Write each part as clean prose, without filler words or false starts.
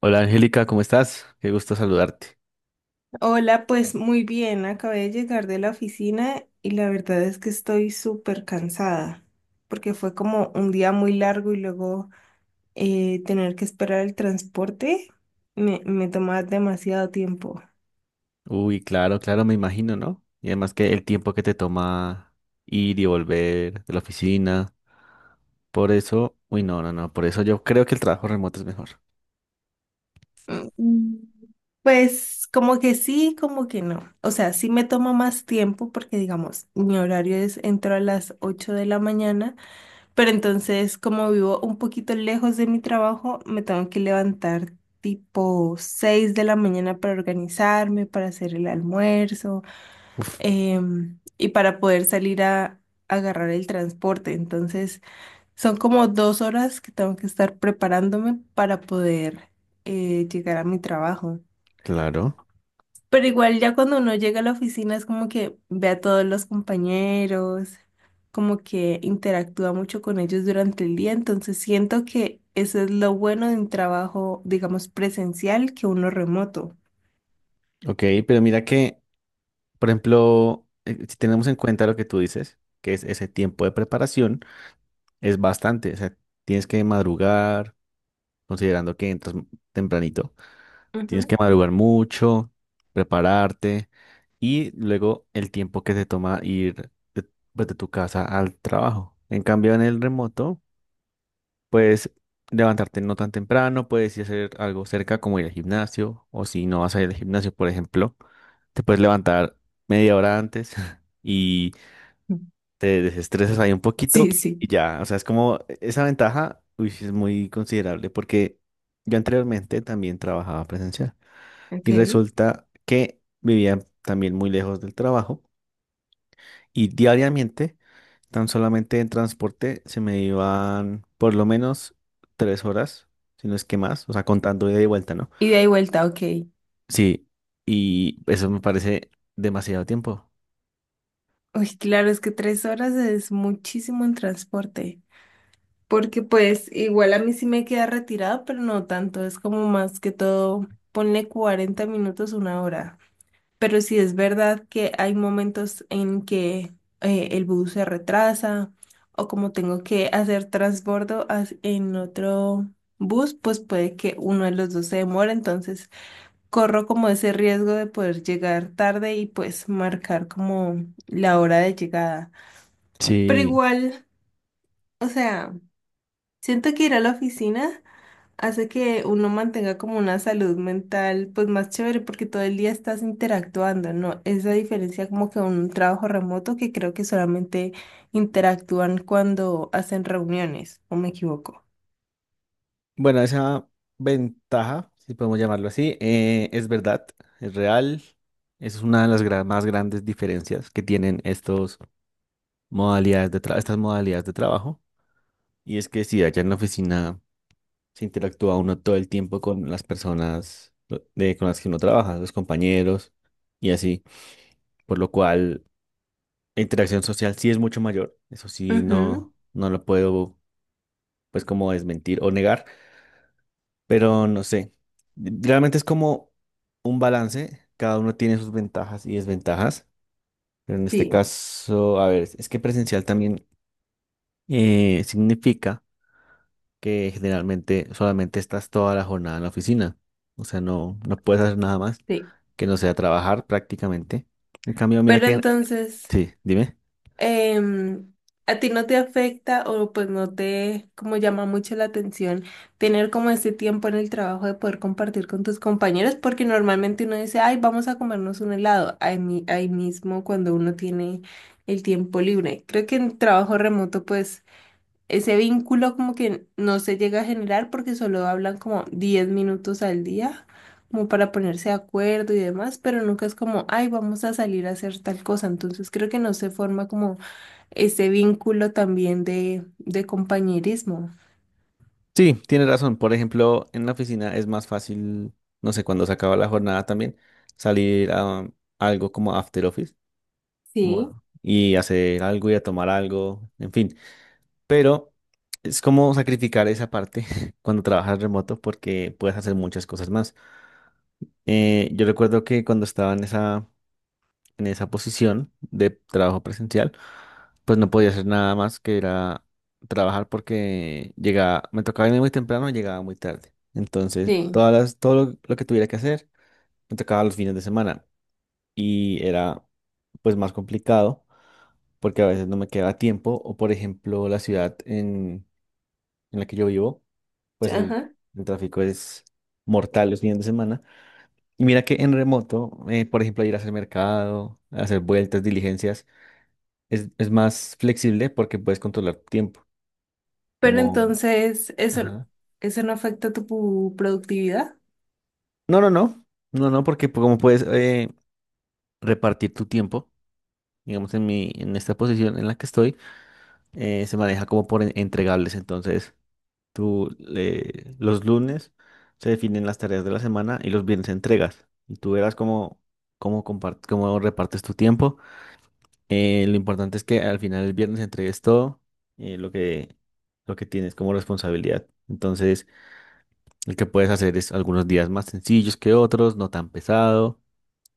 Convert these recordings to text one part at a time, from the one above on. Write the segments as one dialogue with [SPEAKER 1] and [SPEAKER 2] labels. [SPEAKER 1] Hola Angélica, ¿cómo estás? Qué gusto saludarte.
[SPEAKER 2] Hola, pues muy bien, acabé de llegar de la oficina y la verdad es que estoy súper cansada porque fue como un día muy largo y luego tener que esperar el transporte me tomaba demasiado tiempo.
[SPEAKER 1] Uy, claro, claro, me imagino, ¿no? Y además que el tiempo que te toma ir y volver de la oficina, por eso, uy, no, no, no, por eso yo creo que el trabajo remoto es mejor.
[SPEAKER 2] Mm, Pues como que sí, como que no. O sea, sí me toma más tiempo porque, digamos, mi horario es entro a las 8 de la mañana. Pero entonces, como vivo un poquito lejos de mi trabajo, me tengo que levantar tipo 6 de la mañana para organizarme, para hacer el almuerzo,
[SPEAKER 1] Uf,
[SPEAKER 2] y para poder salir a agarrar el transporte. Entonces, son como 2 horas que tengo que estar preparándome para poder llegar a mi trabajo.
[SPEAKER 1] claro.
[SPEAKER 2] Pero igual ya cuando uno llega a la oficina es como que ve a todos los compañeros, como que interactúa mucho con ellos durante el día, entonces siento que eso es lo bueno de un trabajo, digamos, presencial que uno remoto.
[SPEAKER 1] Ok, pero mira que, por ejemplo, si tenemos en cuenta lo que tú dices, que es ese tiempo de preparación, es bastante, o sea, tienes que madrugar, considerando que entras tempranito. Tienes
[SPEAKER 2] Ujú.
[SPEAKER 1] que madrugar mucho, prepararte y luego el tiempo que te toma ir de, pues, de tu casa al trabajo. En cambio, en el remoto, puedes levantarte no tan temprano, puedes ir a hacer algo cerca como ir al gimnasio o si no vas a ir al gimnasio, por ejemplo, te puedes levantar media hora antes y te desestresas ahí un poquito
[SPEAKER 2] Sí, sí,
[SPEAKER 1] y ya, o sea, es como esa ventaja, uy, sí es muy considerable porque yo anteriormente también trabajaba presencial.
[SPEAKER 2] ok.
[SPEAKER 1] Y resulta que vivía también muy lejos del trabajo y diariamente, tan solamente en transporte, se me iban por lo menos tres horas, si no es que más, o sea, contando ida y vuelta, ¿no?
[SPEAKER 2] Ida y vuelta, ok.
[SPEAKER 1] Sí, y eso me parece demasiado tiempo.
[SPEAKER 2] Uy, claro, es que 3 horas es muchísimo en transporte, porque pues igual a mí sí me queda retirado, pero no tanto, es como más que todo, ponle 40 minutos, 1 hora. Pero sí es verdad que hay momentos en que el bus se retrasa o como tengo que hacer transbordo en otro bus, pues puede que uno de los dos se demore, entonces corro como ese riesgo de poder llegar tarde y pues marcar como la hora de llegada. Pero
[SPEAKER 1] Sí.
[SPEAKER 2] igual, o sea, siento que ir a la oficina hace que uno mantenga como una salud mental pues más chévere porque todo el día estás interactuando, ¿no? Esa diferencia como que un trabajo remoto que creo que solamente interactúan cuando hacen reuniones, ¿o me equivoco?
[SPEAKER 1] Bueno, esa ventaja, si podemos llamarlo así, es verdad, es real. Es una de las más grandes diferencias que tienen estos. Modalidades de estas modalidades de trabajo. Y es que si allá en la oficina se interactúa uno todo el tiempo con las personas con las que uno trabaja, los compañeros y así, por lo cual la interacción social sí es mucho mayor. Eso sí,
[SPEAKER 2] Ujú,
[SPEAKER 1] no lo puedo pues como desmentir o negar, pero no sé. Realmente es como un balance, cada uno tiene sus ventajas y desventajas, pero en este
[SPEAKER 2] sí,
[SPEAKER 1] caso, a ver, es que presencial también significa que generalmente solamente estás toda la jornada en la oficina. O sea, no puedes hacer nada más
[SPEAKER 2] sí.
[SPEAKER 1] que no sea trabajar prácticamente. En cambio, mira
[SPEAKER 2] Pero
[SPEAKER 1] que...
[SPEAKER 2] entonces,
[SPEAKER 1] Sí, dime.
[SPEAKER 2] em, ¿a ti no te afecta o pues no te como llama mucho la atención tener como ese tiempo en el trabajo de poder compartir con tus compañeros? Porque normalmente uno dice, ay, vamos a comernos un helado ahí, ahí mismo cuando uno tiene el tiempo libre. Creo que en trabajo remoto pues ese vínculo como que no se llega a generar porque solo hablan como 10 minutos al día, como para ponerse de acuerdo y demás, pero nunca es como, ay, vamos a salir a hacer tal cosa. Entonces creo que no se forma como ese vínculo también de compañerismo.
[SPEAKER 1] Sí, tienes razón. Por ejemplo, en la oficina es más fácil, no sé, cuando se acaba la jornada también, salir a algo como after office
[SPEAKER 2] Sí,
[SPEAKER 1] y hacer algo y a tomar algo, en fin. Pero es como sacrificar esa parte cuando trabajas remoto porque puedes hacer muchas cosas más. Yo recuerdo que cuando estaba en esa posición de trabajo presencial, pues no podía hacer nada más que era trabajar porque llegaba, me tocaba irme muy temprano y llegaba muy tarde. Entonces,
[SPEAKER 2] sí,
[SPEAKER 1] todo lo que tuviera que hacer me tocaba los fines de semana y era pues más complicado porque a veces no me quedaba tiempo o por ejemplo la ciudad en la que yo vivo,
[SPEAKER 2] sí,
[SPEAKER 1] pues
[SPEAKER 2] ajá.
[SPEAKER 1] el tráfico es mortal los fines de semana. Y mira que en remoto, por ejemplo, ir a hacer mercado, hacer vueltas, diligencias, es más flexible porque puedes controlar tiempo.
[SPEAKER 2] Pero
[SPEAKER 1] Como,
[SPEAKER 2] entonces, eso,
[SPEAKER 1] ajá.
[SPEAKER 2] eso no afecta tu productividad.
[SPEAKER 1] No, no, no. No, no, porque como puedes repartir tu tiempo, digamos, en esta posición en la que estoy, se maneja como por entregables. Entonces, los lunes se definen las tareas de la semana y los viernes entregas. Y tú verás cómo, cómo, cómo repartes tu tiempo. Lo importante es que al final el viernes entregues todo eh, lo que, lo que tienes como responsabilidad. Entonces, lo que puedes hacer es algunos días más sencillos que otros, no tan pesado,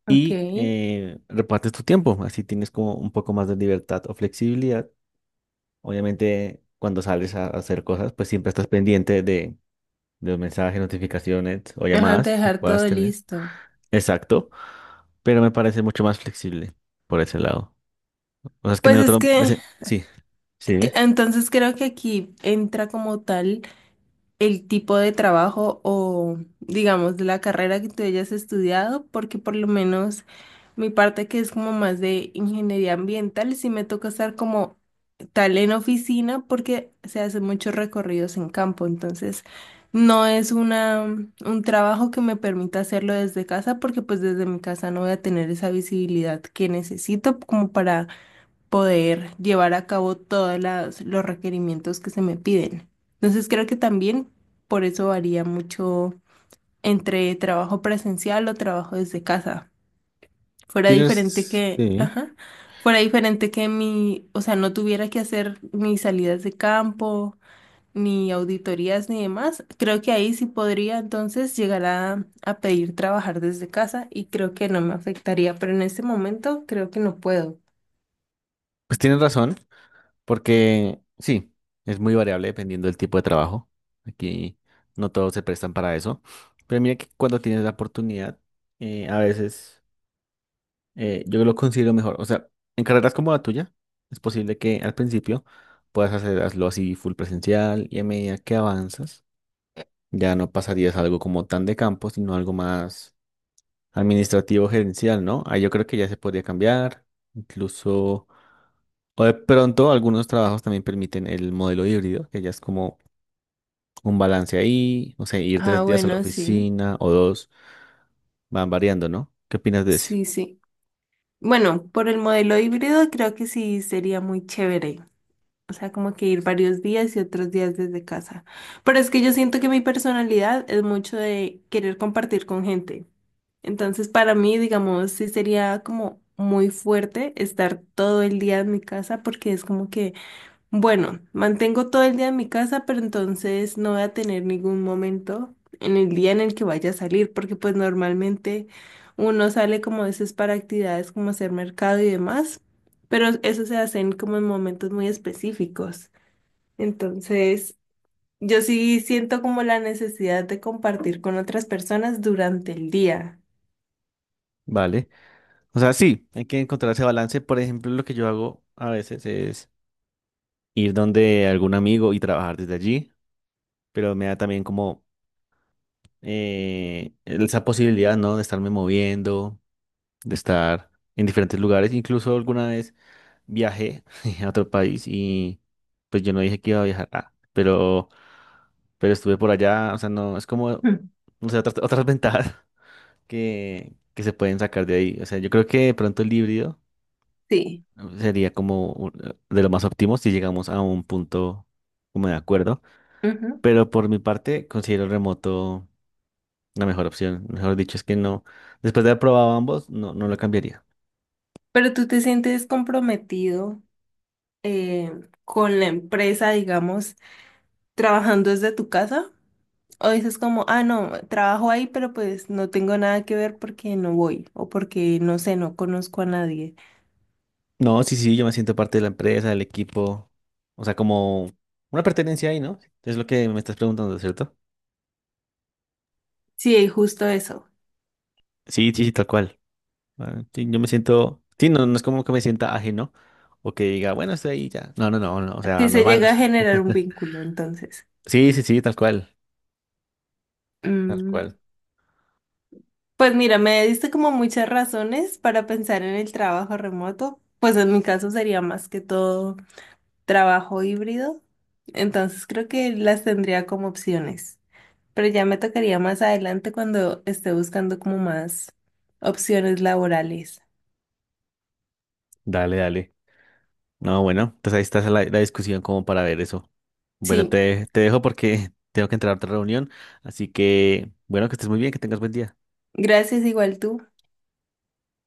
[SPEAKER 2] Ok.
[SPEAKER 1] y repartes tu tiempo. Así tienes como un poco más de libertad o flexibilidad. Obviamente, cuando sales a hacer cosas, pues siempre estás pendiente de los mensajes, notificaciones o
[SPEAKER 2] Ajá, de
[SPEAKER 1] llamadas que
[SPEAKER 2] dejar todo
[SPEAKER 1] puedas tener.
[SPEAKER 2] listo.
[SPEAKER 1] Exacto, pero me parece mucho más flexible por ese lado. O sea, es que en
[SPEAKER 2] Pues
[SPEAKER 1] el
[SPEAKER 2] es
[SPEAKER 1] otro...
[SPEAKER 2] que,
[SPEAKER 1] Sí, sí, ¿eh?
[SPEAKER 2] entonces creo que aquí entra como tal el tipo de trabajo o, digamos, la carrera que tú hayas estudiado, porque por lo menos mi parte que es como más de ingeniería ambiental, sí me toca estar como tal en oficina porque se hacen muchos recorridos en campo, entonces no es una, un trabajo que me permita hacerlo desde casa porque pues desde mi casa no voy a tener esa visibilidad que necesito como para poder llevar a cabo todos los requerimientos que se me piden. Entonces creo que también por eso varía mucho entre trabajo presencial o trabajo desde casa. Fuera diferente
[SPEAKER 1] Tienes...
[SPEAKER 2] que,
[SPEAKER 1] Sí.
[SPEAKER 2] ajá, fuera diferente que mi, o sea, no tuviera que hacer ni salidas de campo, ni auditorías, ni demás. Creo que ahí sí podría entonces llegar a pedir trabajar desde casa y creo que no me afectaría, pero en este momento creo que no puedo.
[SPEAKER 1] Pues tienes razón. Porque sí, es muy variable dependiendo del tipo de trabajo. Aquí no todos se prestan para eso. Pero mira que cuando tienes la oportunidad, a veces yo lo considero mejor. O sea, en carreras como la tuya, es posible que al principio hazlo así full presencial y a medida que avanzas, ya no pasarías algo como tan de campo, sino algo más administrativo, gerencial, ¿no? Ahí yo creo que ya se podría cambiar, incluso. O de pronto algunos trabajos también permiten el modelo híbrido, que ya es como un balance ahí, o sea, ir
[SPEAKER 2] Ah,
[SPEAKER 1] tres días a la
[SPEAKER 2] bueno, sí,
[SPEAKER 1] oficina o dos, van variando, ¿no? ¿Qué opinas de ese?
[SPEAKER 2] sí, sí. Bueno, por el modelo híbrido creo que sí sería muy chévere. O sea, como que ir varios días y otros días desde casa. Pero es que yo siento que mi personalidad es mucho de querer compartir con gente. Entonces, para mí, digamos, sí sería como muy fuerte estar todo el día en mi casa porque es como que bueno, mantengo todo el día en mi casa, pero entonces no voy a tener ningún momento en el día en el que vaya a salir, porque pues normalmente uno sale como a veces para actividades como hacer mercado y demás, pero eso se hacen como en momentos muy específicos. Entonces, yo sí siento como la necesidad de compartir con otras personas durante el día.
[SPEAKER 1] Vale. O sea, sí, hay que encontrar ese balance. Por ejemplo, lo que yo hago a veces es ir donde algún amigo y trabajar desde allí, pero me da también como esa posibilidad, ¿no? De estarme moviendo, de estar en diferentes lugares. Incluso alguna vez viajé a otro país y pues yo no dije que iba a viajar, ah, pero estuve por allá, o sea, no, es como,
[SPEAKER 2] Mm.
[SPEAKER 1] no sé, otras ventajas que se pueden sacar de ahí. O sea, yo creo que de pronto el híbrido
[SPEAKER 2] Sí,
[SPEAKER 1] sería como de lo más óptimo si llegamos a un punto como de acuerdo,
[SPEAKER 2] ujú.
[SPEAKER 1] pero por mi parte considero el remoto la mejor opción. Mejor dicho, es que no, después de haber probado ambos, no lo cambiaría.
[SPEAKER 2] ¿Pero tú te sientes comprometido eh, con la empresa, digamos, trabajando desde tu casa? ¿O dices como, ah, no, trabajo ahí, pero pues no tengo nada que ver porque no voy o porque no sé, no conozco a nadie?
[SPEAKER 1] No, sí, sí, yo me siento parte de la empresa, del equipo, o sea, como una pertenencia ahí, ¿no? Es lo que me estás preguntando, ¿cierto?
[SPEAKER 2] Sí, justo eso.
[SPEAKER 1] Sí, sí, sí, tal cual. Ah, sí, yo me siento, sí, no, no es como que me sienta ajeno o que diga, bueno, estoy ahí ya. No, no, no, no, o sea,
[SPEAKER 2] Si se
[SPEAKER 1] normal.
[SPEAKER 2] llega a generar un vínculo, entonces.
[SPEAKER 1] Sí, sí, sí, tal cual, tal
[SPEAKER 2] Mm,
[SPEAKER 1] cual.
[SPEAKER 2] pues mira, me diste como muchas razones para pensar en el trabajo remoto. Pues en mi caso sería más que todo trabajo híbrido. Entonces creo que las tendría como opciones. Pero ya me tocaría más adelante cuando esté buscando como más opciones laborales.
[SPEAKER 1] Dale, dale. No, bueno, entonces ahí está la discusión como para ver eso. Bueno,
[SPEAKER 2] Sí,
[SPEAKER 1] te dejo porque tengo que entrar a otra reunión, así que, bueno, que estés muy bien, que tengas buen día.
[SPEAKER 2] gracias igual tú.